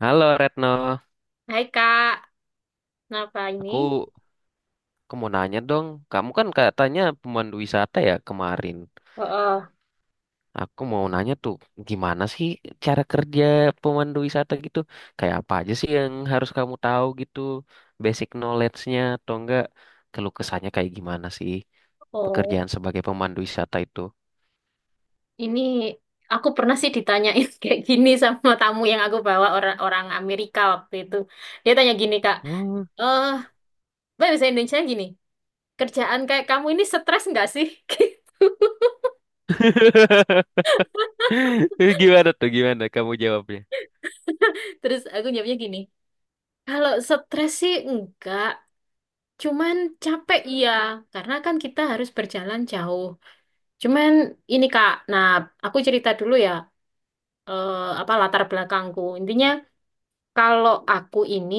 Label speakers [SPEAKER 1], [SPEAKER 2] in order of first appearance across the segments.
[SPEAKER 1] Halo Retno,
[SPEAKER 2] Hai Kak, kenapa ini?
[SPEAKER 1] aku aku mau nanya dong. Kamu kan katanya pemandu wisata ya kemarin.
[SPEAKER 2] Oh,
[SPEAKER 1] Aku mau nanya tuh, gimana sih cara kerja pemandu wisata gitu? Kayak apa aja sih yang harus kamu tahu gitu? Basic knowledge-nya atau enggak? Keluh kesahnya kayak gimana sih
[SPEAKER 2] oh,
[SPEAKER 1] pekerjaan sebagai pemandu wisata itu?
[SPEAKER 2] ini aku pernah sih ditanyain kayak gini sama tamu yang aku bawa orang orang Amerika waktu itu. Dia tanya gini Kak,
[SPEAKER 1] Oh.
[SPEAKER 2] eh, Mbak bisa Indonesia gini, kerjaan kayak kamu ini stres nggak sih?
[SPEAKER 1] Gimana tuh? Gimana kamu jawabnya?
[SPEAKER 2] Terus aku jawabnya gini, kalau stres sih enggak, cuman capek iya, karena kan kita harus berjalan jauh. Cuman ini Kak, nah aku cerita dulu ya, eh, apa latar belakangku. Intinya, kalau aku ini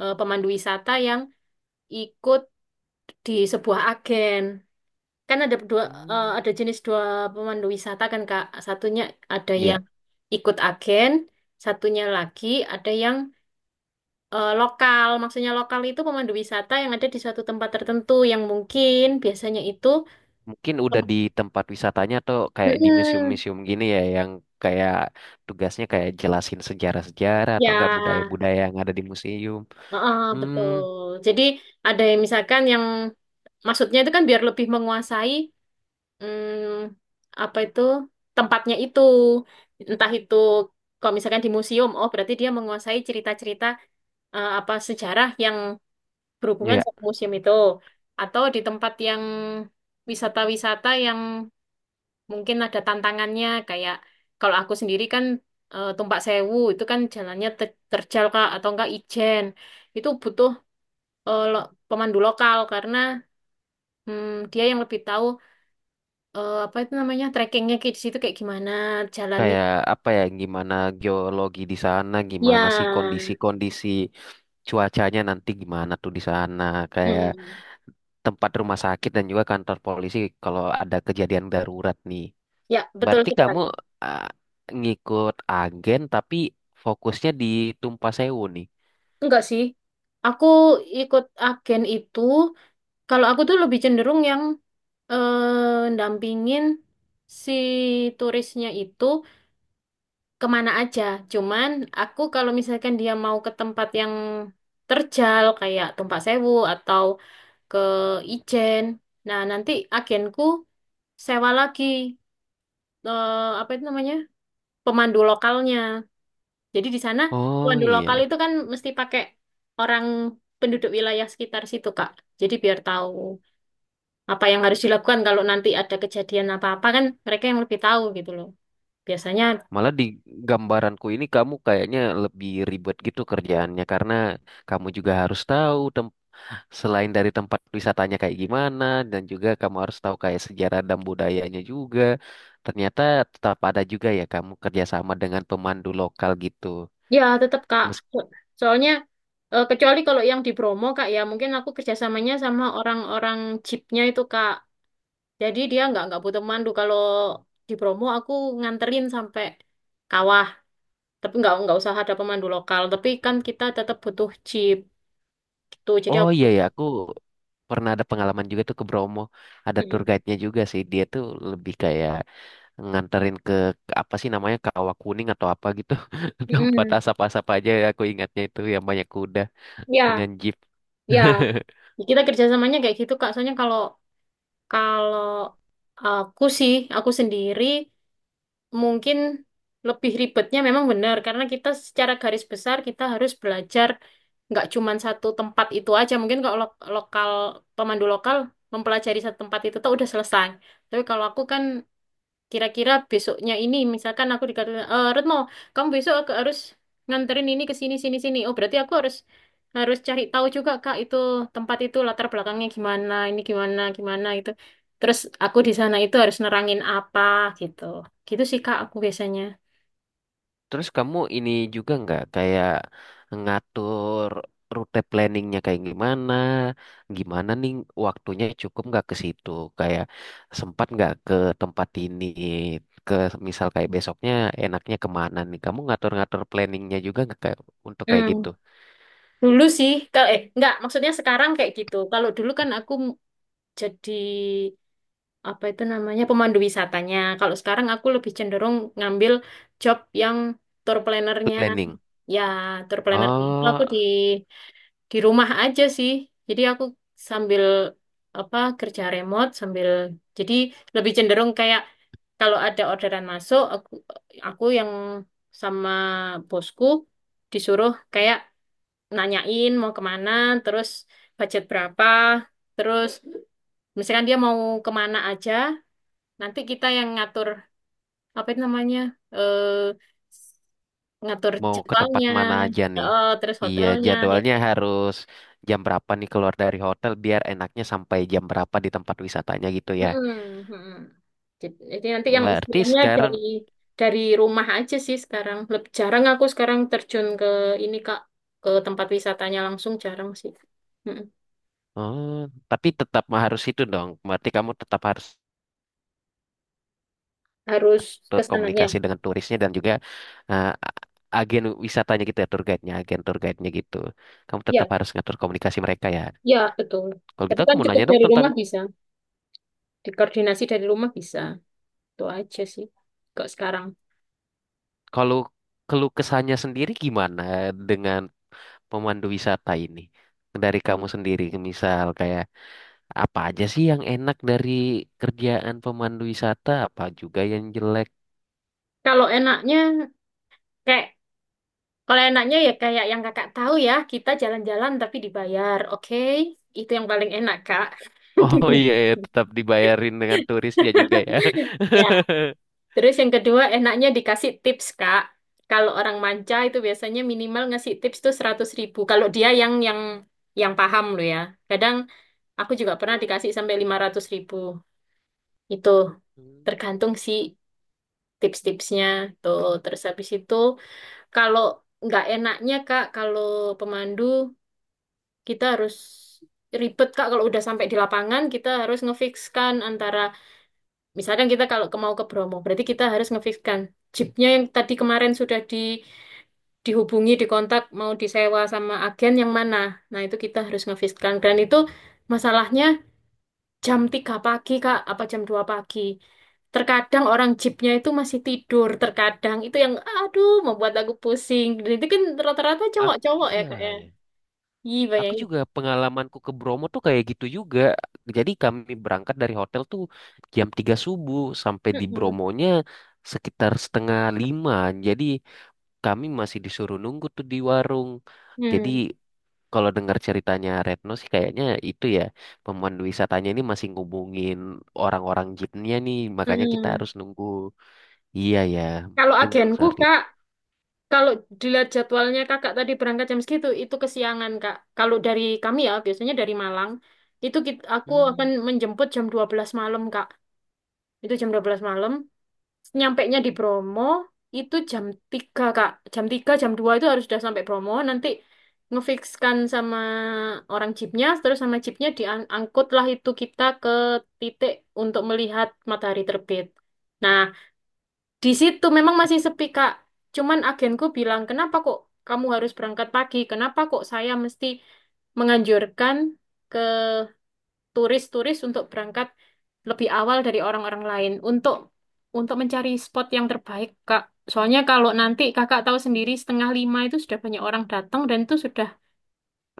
[SPEAKER 2] pemandu wisata yang ikut di sebuah agen. Kan
[SPEAKER 1] Hmm.
[SPEAKER 2] ada jenis dua pemandu wisata kan Kak. Satunya ada
[SPEAKER 1] Iya.
[SPEAKER 2] yang ikut agen, satunya lagi ada yang lokal. Maksudnya lokal itu pemandu wisata yang ada di suatu tempat tertentu yang mungkin biasanya itu.
[SPEAKER 1] Mungkin udah di tempat wisatanya atau kayak di
[SPEAKER 2] Mm-mm.
[SPEAKER 1] museum-museum gini ya yang kayak tugasnya kayak jelasin sejarah-sejarah atau enggak
[SPEAKER 2] Ya,
[SPEAKER 1] budaya-budaya yang ada di museum.
[SPEAKER 2] heeh,
[SPEAKER 1] Hmm,
[SPEAKER 2] betul. Jadi ada yang misalkan yang maksudnya itu kan biar lebih menguasai, apa itu tempatnya itu, entah itu kalau misalkan di museum, oh berarti dia menguasai cerita-cerita, apa sejarah yang berhubungan
[SPEAKER 1] ya
[SPEAKER 2] sama museum itu, atau di tempat yang wisata-wisata yang mungkin ada tantangannya, kayak kalau aku sendiri kan, Tumpak Sewu itu kan jalannya terjal Kak, atau enggak Ijen itu butuh, pemandu lokal karena, dia yang lebih tahu, apa itu namanya trekkingnya kayak di situ, kayak gimana jalannya?
[SPEAKER 1] kayak apa ya gimana geologi di sana,
[SPEAKER 2] Ya,
[SPEAKER 1] gimana sih kondisi-kondisi cuacanya nanti gimana tuh di sana, kayak
[SPEAKER 2] Hmm,
[SPEAKER 1] tempat rumah sakit dan juga kantor polisi kalau ada kejadian darurat nih.
[SPEAKER 2] ya betul
[SPEAKER 1] Berarti kamu
[SPEAKER 2] sekali.
[SPEAKER 1] ah, ngikut agen tapi fokusnya di Tumpah Sewu nih.
[SPEAKER 2] Enggak sih, aku ikut agen itu. Kalau aku tuh lebih cenderung yang ndampingin si turisnya itu kemana aja. Cuman aku kalau misalkan dia mau ke tempat yang terjal kayak Tumpak Sewu atau ke Ijen, nah nanti agenku sewa lagi, eh, apa itu namanya? Pemandu lokalnya. Jadi di sana
[SPEAKER 1] Oh
[SPEAKER 2] pemandu lokal
[SPEAKER 1] iya.
[SPEAKER 2] itu kan mesti pakai orang penduduk wilayah sekitar situ, Kak. Jadi biar tahu apa yang harus dilakukan kalau nanti ada kejadian apa-apa kan mereka yang lebih tahu gitu loh. Biasanya
[SPEAKER 1] Malah di gambaranku ini kamu kayaknya lebih ribet gitu kerjaannya karena kamu juga harus tahu selain dari tempat wisatanya kayak gimana dan juga kamu harus tahu kayak sejarah dan budayanya juga. Ternyata tetap ada juga ya kamu kerjasama dengan pemandu lokal gitu.
[SPEAKER 2] ya tetap Kak.
[SPEAKER 1] Mes-
[SPEAKER 2] So- Soalnya kecuali kalau yang di Bromo Kak ya mungkin aku kerjasamanya sama orang-orang jeepnya itu Kak. Jadi dia nggak butuh pemandu. Kalau di Bromo aku nganterin sampai kawah. Tapi nggak usah ada pemandu lokal tapi kan kita tetap butuh jeep gitu jadi
[SPEAKER 1] oh
[SPEAKER 2] aku.
[SPEAKER 1] iya ya aku pernah ada pengalaman juga tuh ke Bromo. Ada tour
[SPEAKER 2] Mm-mm.
[SPEAKER 1] guide-nya juga sih. Dia tuh lebih kayak nganterin ke apa sih namanya Kawah Kuning atau apa gitu tempat
[SPEAKER 2] Mm-mm.
[SPEAKER 1] asap-asap aja ya, aku ingatnya itu yang banyak kuda dengan
[SPEAKER 2] Ya
[SPEAKER 1] jeep.
[SPEAKER 2] ya, kita kerjasamanya kayak gitu Kak, soalnya kalau kalau aku sih, aku sendiri mungkin lebih ribetnya memang benar karena kita secara garis besar kita harus belajar nggak cuman satu tempat itu aja, mungkin kalau lokal, pemandu lokal mempelajari satu tempat itu tuh udah selesai, tapi kalau aku kan kira-kira besoknya ini, misalkan aku dikatakan, "Eh, Retno, kamu besok aku harus nganterin ini ke sini, sini, sini." Oh, berarti aku harus harus cari tahu juga, Kak, itu tempat itu latar belakangnya gimana, ini gimana, gimana itu. Terus aku di sana itu harus nerangin apa gitu. Gitu sih, Kak, aku biasanya.
[SPEAKER 1] Terus kamu ini juga nggak kayak ngatur rute planningnya kayak gimana, gimana nih waktunya cukup nggak ke situ, kayak sempat nggak ke tempat ini, ke misal kayak besoknya enaknya kemana nih, kamu ngatur-ngatur planningnya juga nggak kayak untuk kayak gitu
[SPEAKER 2] Hmm, Dulu sih, kalau eh enggak, maksudnya sekarang kayak gitu. Kalau dulu kan aku jadi apa itu namanya pemandu wisatanya. Kalau sekarang aku lebih cenderung ngambil job yang tour planner-nya.
[SPEAKER 1] planning?
[SPEAKER 2] Ya, tour planner itu aku
[SPEAKER 1] Oh,
[SPEAKER 2] di rumah aja sih. Jadi aku sambil apa kerja remote sambil jadi lebih cenderung kayak kalau ada orderan masuk, aku yang sama bosku disuruh kayak nanyain mau kemana, terus budget berapa, terus misalkan dia mau kemana aja, nanti kita yang ngatur apa itu namanya eh ngatur
[SPEAKER 1] mau ke tempat
[SPEAKER 2] jadwalnya,
[SPEAKER 1] mana aja nih?
[SPEAKER 2] terus
[SPEAKER 1] Iya,
[SPEAKER 2] hotelnya, ya
[SPEAKER 1] jadwalnya
[SPEAKER 2] kayak.
[SPEAKER 1] harus jam berapa nih keluar dari hotel biar enaknya sampai jam berapa di tempat wisatanya gitu ya.
[SPEAKER 2] Mm-mm, mm-mm. Jadi nanti yang
[SPEAKER 1] Berarti
[SPEAKER 2] istilahnya
[SPEAKER 1] sekarang,
[SPEAKER 2] dari rumah aja sih sekarang. Lebih jarang aku sekarang terjun ke ini Kak, ke tempat wisatanya langsung jarang sih. Mm-mm.
[SPEAKER 1] oh, tapi tetap mah harus itu dong. Berarti kamu tetap harus
[SPEAKER 2] Harus ke sananya.
[SPEAKER 1] berkomunikasi dengan turisnya dan juga eh, a- agen wisatanya gitu ya, tour guide-nya, agen tour guide-nya gitu. Kamu tetap
[SPEAKER 2] Ya,
[SPEAKER 1] harus ngatur komunikasi mereka ya.
[SPEAKER 2] ya betul.
[SPEAKER 1] Kalau
[SPEAKER 2] Tapi
[SPEAKER 1] gitu aku
[SPEAKER 2] kan
[SPEAKER 1] mau
[SPEAKER 2] cukup
[SPEAKER 1] nanya dong
[SPEAKER 2] dari
[SPEAKER 1] tentang
[SPEAKER 2] rumah bisa. Dikoordinasi dari rumah bisa. Itu aja sih. Kok sekarang.
[SPEAKER 1] kalau keluh kesahnya sendiri gimana dengan pemandu wisata ini dari
[SPEAKER 2] Mm.
[SPEAKER 1] kamu sendiri, misal kayak apa aja sih yang enak dari kerjaan pemandu wisata, apa juga yang jelek.
[SPEAKER 2] Kalau enaknya kayak Kalau enaknya ya kayak yang kakak tahu ya, kita jalan-jalan tapi dibayar, oke? Itu yang paling enak, Kak.
[SPEAKER 1] Oh iya ya tetap dibayarin dengan turisnya juga ya.
[SPEAKER 2] Ya. Terus yang kedua enaknya dikasih tips, Kak. Kalau orang manca itu biasanya minimal ngasih tips tuh 100.000. Kalau dia yang paham loh ya. Kadang aku juga pernah dikasih sampai 500.000. Itu
[SPEAKER 1] Hmm,
[SPEAKER 2] tergantung sih tips-tipsnya tuh. Terus habis itu, kalau nggak enaknya, Kak, kalau pemandu kita harus ribet Kak kalau udah sampai di lapangan kita harus ngefikskan antara, misalkan kita kalau mau ke Bromo berarti kita harus ngefikskan jeepnya yang tadi kemarin sudah dihubungi, dikontak mau disewa sama agen yang mana, nah itu kita harus ngefikskan, dan itu masalahnya jam 3 pagi Kak apa jam 2 pagi, terkadang orang jeepnya itu masih tidur, terkadang itu yang aduh membuat aku pusing. Dan itu kan rata-rata
[SPEAKER 1] aku
[SPEAKER 2] cowok-cowok ya
[SPEAKER 1] iya
[SPEAKER 2] Kak ya,
[SPEAKER 1] ya,
[SPEAKER 2] iya
[SPEAKER 1] aku
[SPEAKER 2] bayangin.
[SPEAKER 1] juga pengalamanku ke Bromo tuh kayak gitu juga. Jadi kami berangkat dari hotel tuh jam 3 subuh, sampai di
[SPEAKER 2] Mm-mm.
[SPEAKER 1] Bromonya sekitar 04.30. Jadi kami masih disuruh nunggu tuh di warung. Jadi
[SPEAKER 2] Hmm.
[SPEAKER 1] kalau dengar ceritanya Retno sih kayaknya itu ya, pemandu wisatanya ini masih ngubungin orang-orang jeepnya nih, makanya kita
[SPEAKER 2] Mm-mm.
[SPEAKER 1] harus nunggu. Iya ya,
[SPEAKER 2] Kalau
[SPEAKER 1] mungkin
[SPEAKER 2] agenku
[SPEAKER 1] seperti itu.
[SPEAKER 2] Kak, kalau dilihat jadwalnya Kakak tadi berangkat jam segitu, itu kesiangan Kak. Kalau dari kami ya, biasanya dari Malang, itu aku akan
[SPEAKER 1] Hmm.
[SPEAKER 2] menjemput jam 12 malam Kak. Itu jam 12 malam, nyampainya di Bromo, itu jam 3 Kak. Jam 3, jam 2 itu harus sudah sampai Bromo, nanti ngefikskan sama orang jeepnya, terus sama jeepnya diangkutlah itu kita ke titik untuk melihat matahari terbit. Nah, di situ memang masih sepi, Kak. Cuman agenku bilang, kenapa kok kamu harus berangkat pagi? Kenapa kok saya mesti menganjurkan ke turis-turis untuk berangkat lebih awal dari orang-orang lain untuk mencari spot yang terbaik, Kak. Soalnya kalau nanti kakak tahu sendiri setengah lima itu sudah banyak orang datang dan itu sudah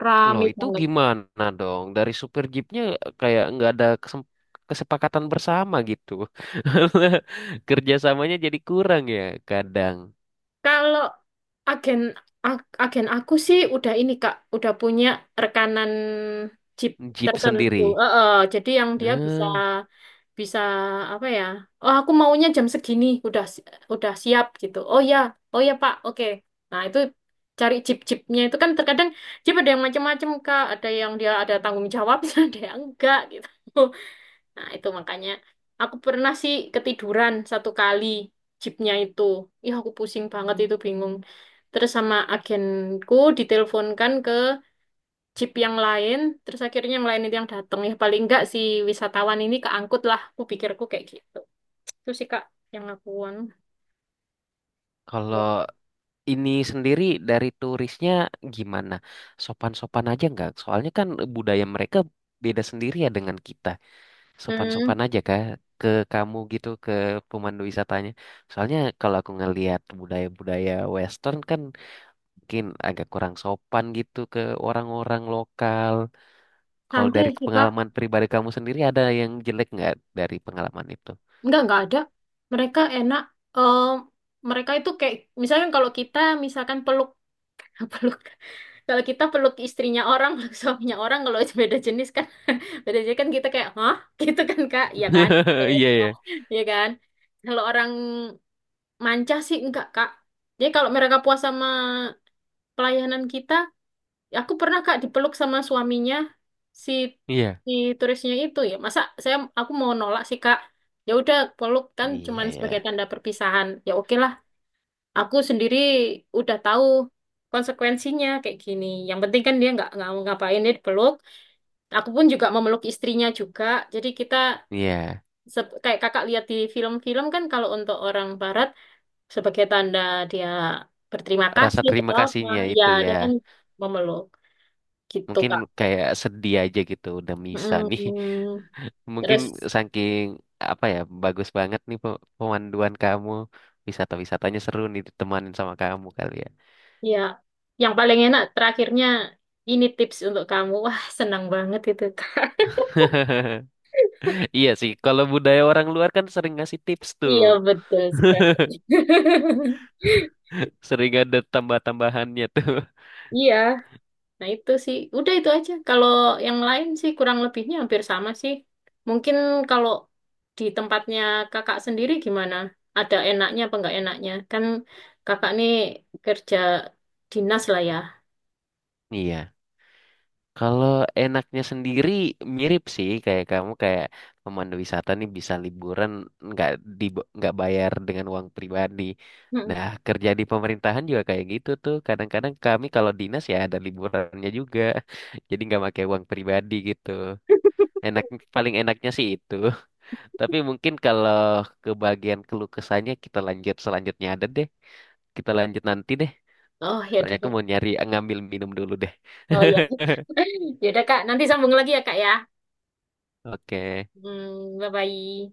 [SPEAKER 2] rame
[SPEAKER 1] Loh itu
[SPEAKER 2] banget.
[SPEAKER 1] gimana dong dari supir jeepnya, kayak nggak ada kesepakatan bersama gitu. Kerjasamanya jadi kurang ya kadang.
[SPEAKER 2] Kalau agen agen aku sih udah ini, Kak, udah punya rekanan jeep
[SPEAKER 1] Jeep
[SPEAKER 2] tertentu.
[SPEAKER 1] sendiri.
[SPEAKER 2] Jadi yang dia bisa
[SPEAKER 1] Hmm,
[SPEAKER 2] bisa apa ya? Oh, aku maunya jam segini, udah siap gitu. Oh ya, oh ya Pak, oke. Nah itu cari jeep-jeepnya itu kan terkadang jeep ada yang macam-macam Kak, ada yang dia ada tanggung jawabnya, ada yang enggak gitu. Nah itu makanya aku pernah sih ketiduran satu kali jeepnya itu. Ih, aku pusing banget itu bingung. Terus sama agenku diteleponkan ke jeep yang lain, terus akhirnya yang lain itu yang datang. Ya paling enggak si wisatawan ini keangkut lah, aku pikirku kayak gitu. Itu sih Kak yang aku anu.
[SPEAKER 1] kalau ini sendiri dari turisnya gimana? Sopan-sopan aja nggak? Soalnya kan budaya mereka beda sendiri ya dengan kita. Sopan-sopan
[SPEAKER 2] Hmm,
[SPEAKER 1] aja kah ke kamu gitu, ke pemandu wisatanya? Soalnya kalau aku ngelihat budaya-budaya Western kan mungkin agak kurang sopan gitu ke orang-orang lokal. Kalau
[SPEAKER 2] Santai
[SPEAKER 1] dari
[SPEAKER 2] sih Kak.
[SPEAKER 1] pengalaman pribadi kamu sendiri ada yang jelek nggak dari pengalaman itu?
[SPEAKER 2] Enggak ada. Mereka enak. Eh, Mereka itu kayak, misalkan kalau kita misalkan peluk, peluk. Kalau kita peluk istrinya orang, peluk suaminya orang, kalau beda jenis kan kita kayak, hah? Gitu kan Kak? Iya kan? Kayak
[SPEAKER 1] Iya,
[SPEAKER 2] kita,
[SPEAKER 1] ya.
[SPEAKER 2] iya kan? Kalau orang manca sih enggak Kak. Jadi kalau mereka puas sama pelayanan kita, ya aku pernah kak dipeluk sama suaminya, si
[SPEAKER 1] Iya.
[SPEAKER 2] si turisnya itu, ya masa aku mau nolak sih kak, ya udah peluk kan
[SPEAKER 1] Iya,
[SPEAKER 2] cuman
[SPEAKER 1] ya.
[SPEAKER 2] sebagai tanda perpisahan ya oke lah. Aku sendiri udah tahu konsekuensinya kayak gini, yang penting kan dia nggak mau ngapain, dia dipeluk, aku pun juga memeluk istrinya juga, jadi kita
[SPEAKER 1] Iya.
[SPEAKER 2] kayak kakak lihat di film-film kan kalau untuk orang barat sebagai tanda dia berterima
[SPEAKER 1] Rasa
[SPEAKER 2] kasih
[SPEAKER 1] terima
[SPEAKER 2] atau apa,
[SPEAKER 1] kasihnya
[SPEAKER 2] ya
[SPEAKER 1] itu ya.
[SPEAKER 2] dia kan memeluk gitu
[SPEAKER 1] Mungkin
[SPEAKER 2] Kak.
[SPEAKER 1] kayak sedih aja gitu udah misa nih.
[SPEAKER 2] Mm,
[SPEAKER 1] Mungkin
[SPEAKER 2] Terus
[SPEAKER 1] saking apa ya, bagus banget nih pemanduan kamu, wisata-wisatanya seru nih ditemanin sama kamu kali ya.
[SPEAKER 2] ya yang paling enak terakhirnya ini tips untuk kamu. Wah, senang banget itu Kak.
[SPEAKER 1] Iya sih kalau budaya orang luar kan sering ngasih tips tuh,
[SPEAKER 2] Iya betul sekali.
[SPEAKER 1] sering ada tambah-tambahannya tuh.
[SPEAKER 2] Iya, nah itu sih. Udah itu aja. Kalau yang lain sih kurang lebihnya hampir sama sih. Mungkin kalau di tempatnya kakak sendiri gimana? Ada enaknya apa enggak enaknya? Kan kakak nih kerja dinas lah ya.
[SPEAKER 1] Iya. Kalau enaknya sendiri mirip sih kayak kamu, kayak pemandu wisata nih bisa liburan, nggak di, nggak bayar dengan uang pribadi. Nah,
[SPEAKER 2] Mm.
[SPEAKER 1] kerja di pemerintahan juga kayak gitu tuh. Kadang-kadang kami kalau dinas ya ada liburannya juga. Jadi nggak pakai uang pribadi gitu. Enak, paling enaknya sih itu. Tapi mungkin kalau ke bagian keluh kesahnya kita lanjut selanjutnya ada deh. Kita lanjut nanti deh.
[SPEAKER 2] Oh ya.
[SPEAKER 1] Soalnya aku mau nyari ngambil minum dulu deh.
[SPEAKER 2] Oh iya. Ya udah Kak, nanti sambung lagi ya Kak ya.
[SPEAKER 1] Oke.
[SPEAKER 2] Hmm, bye bye.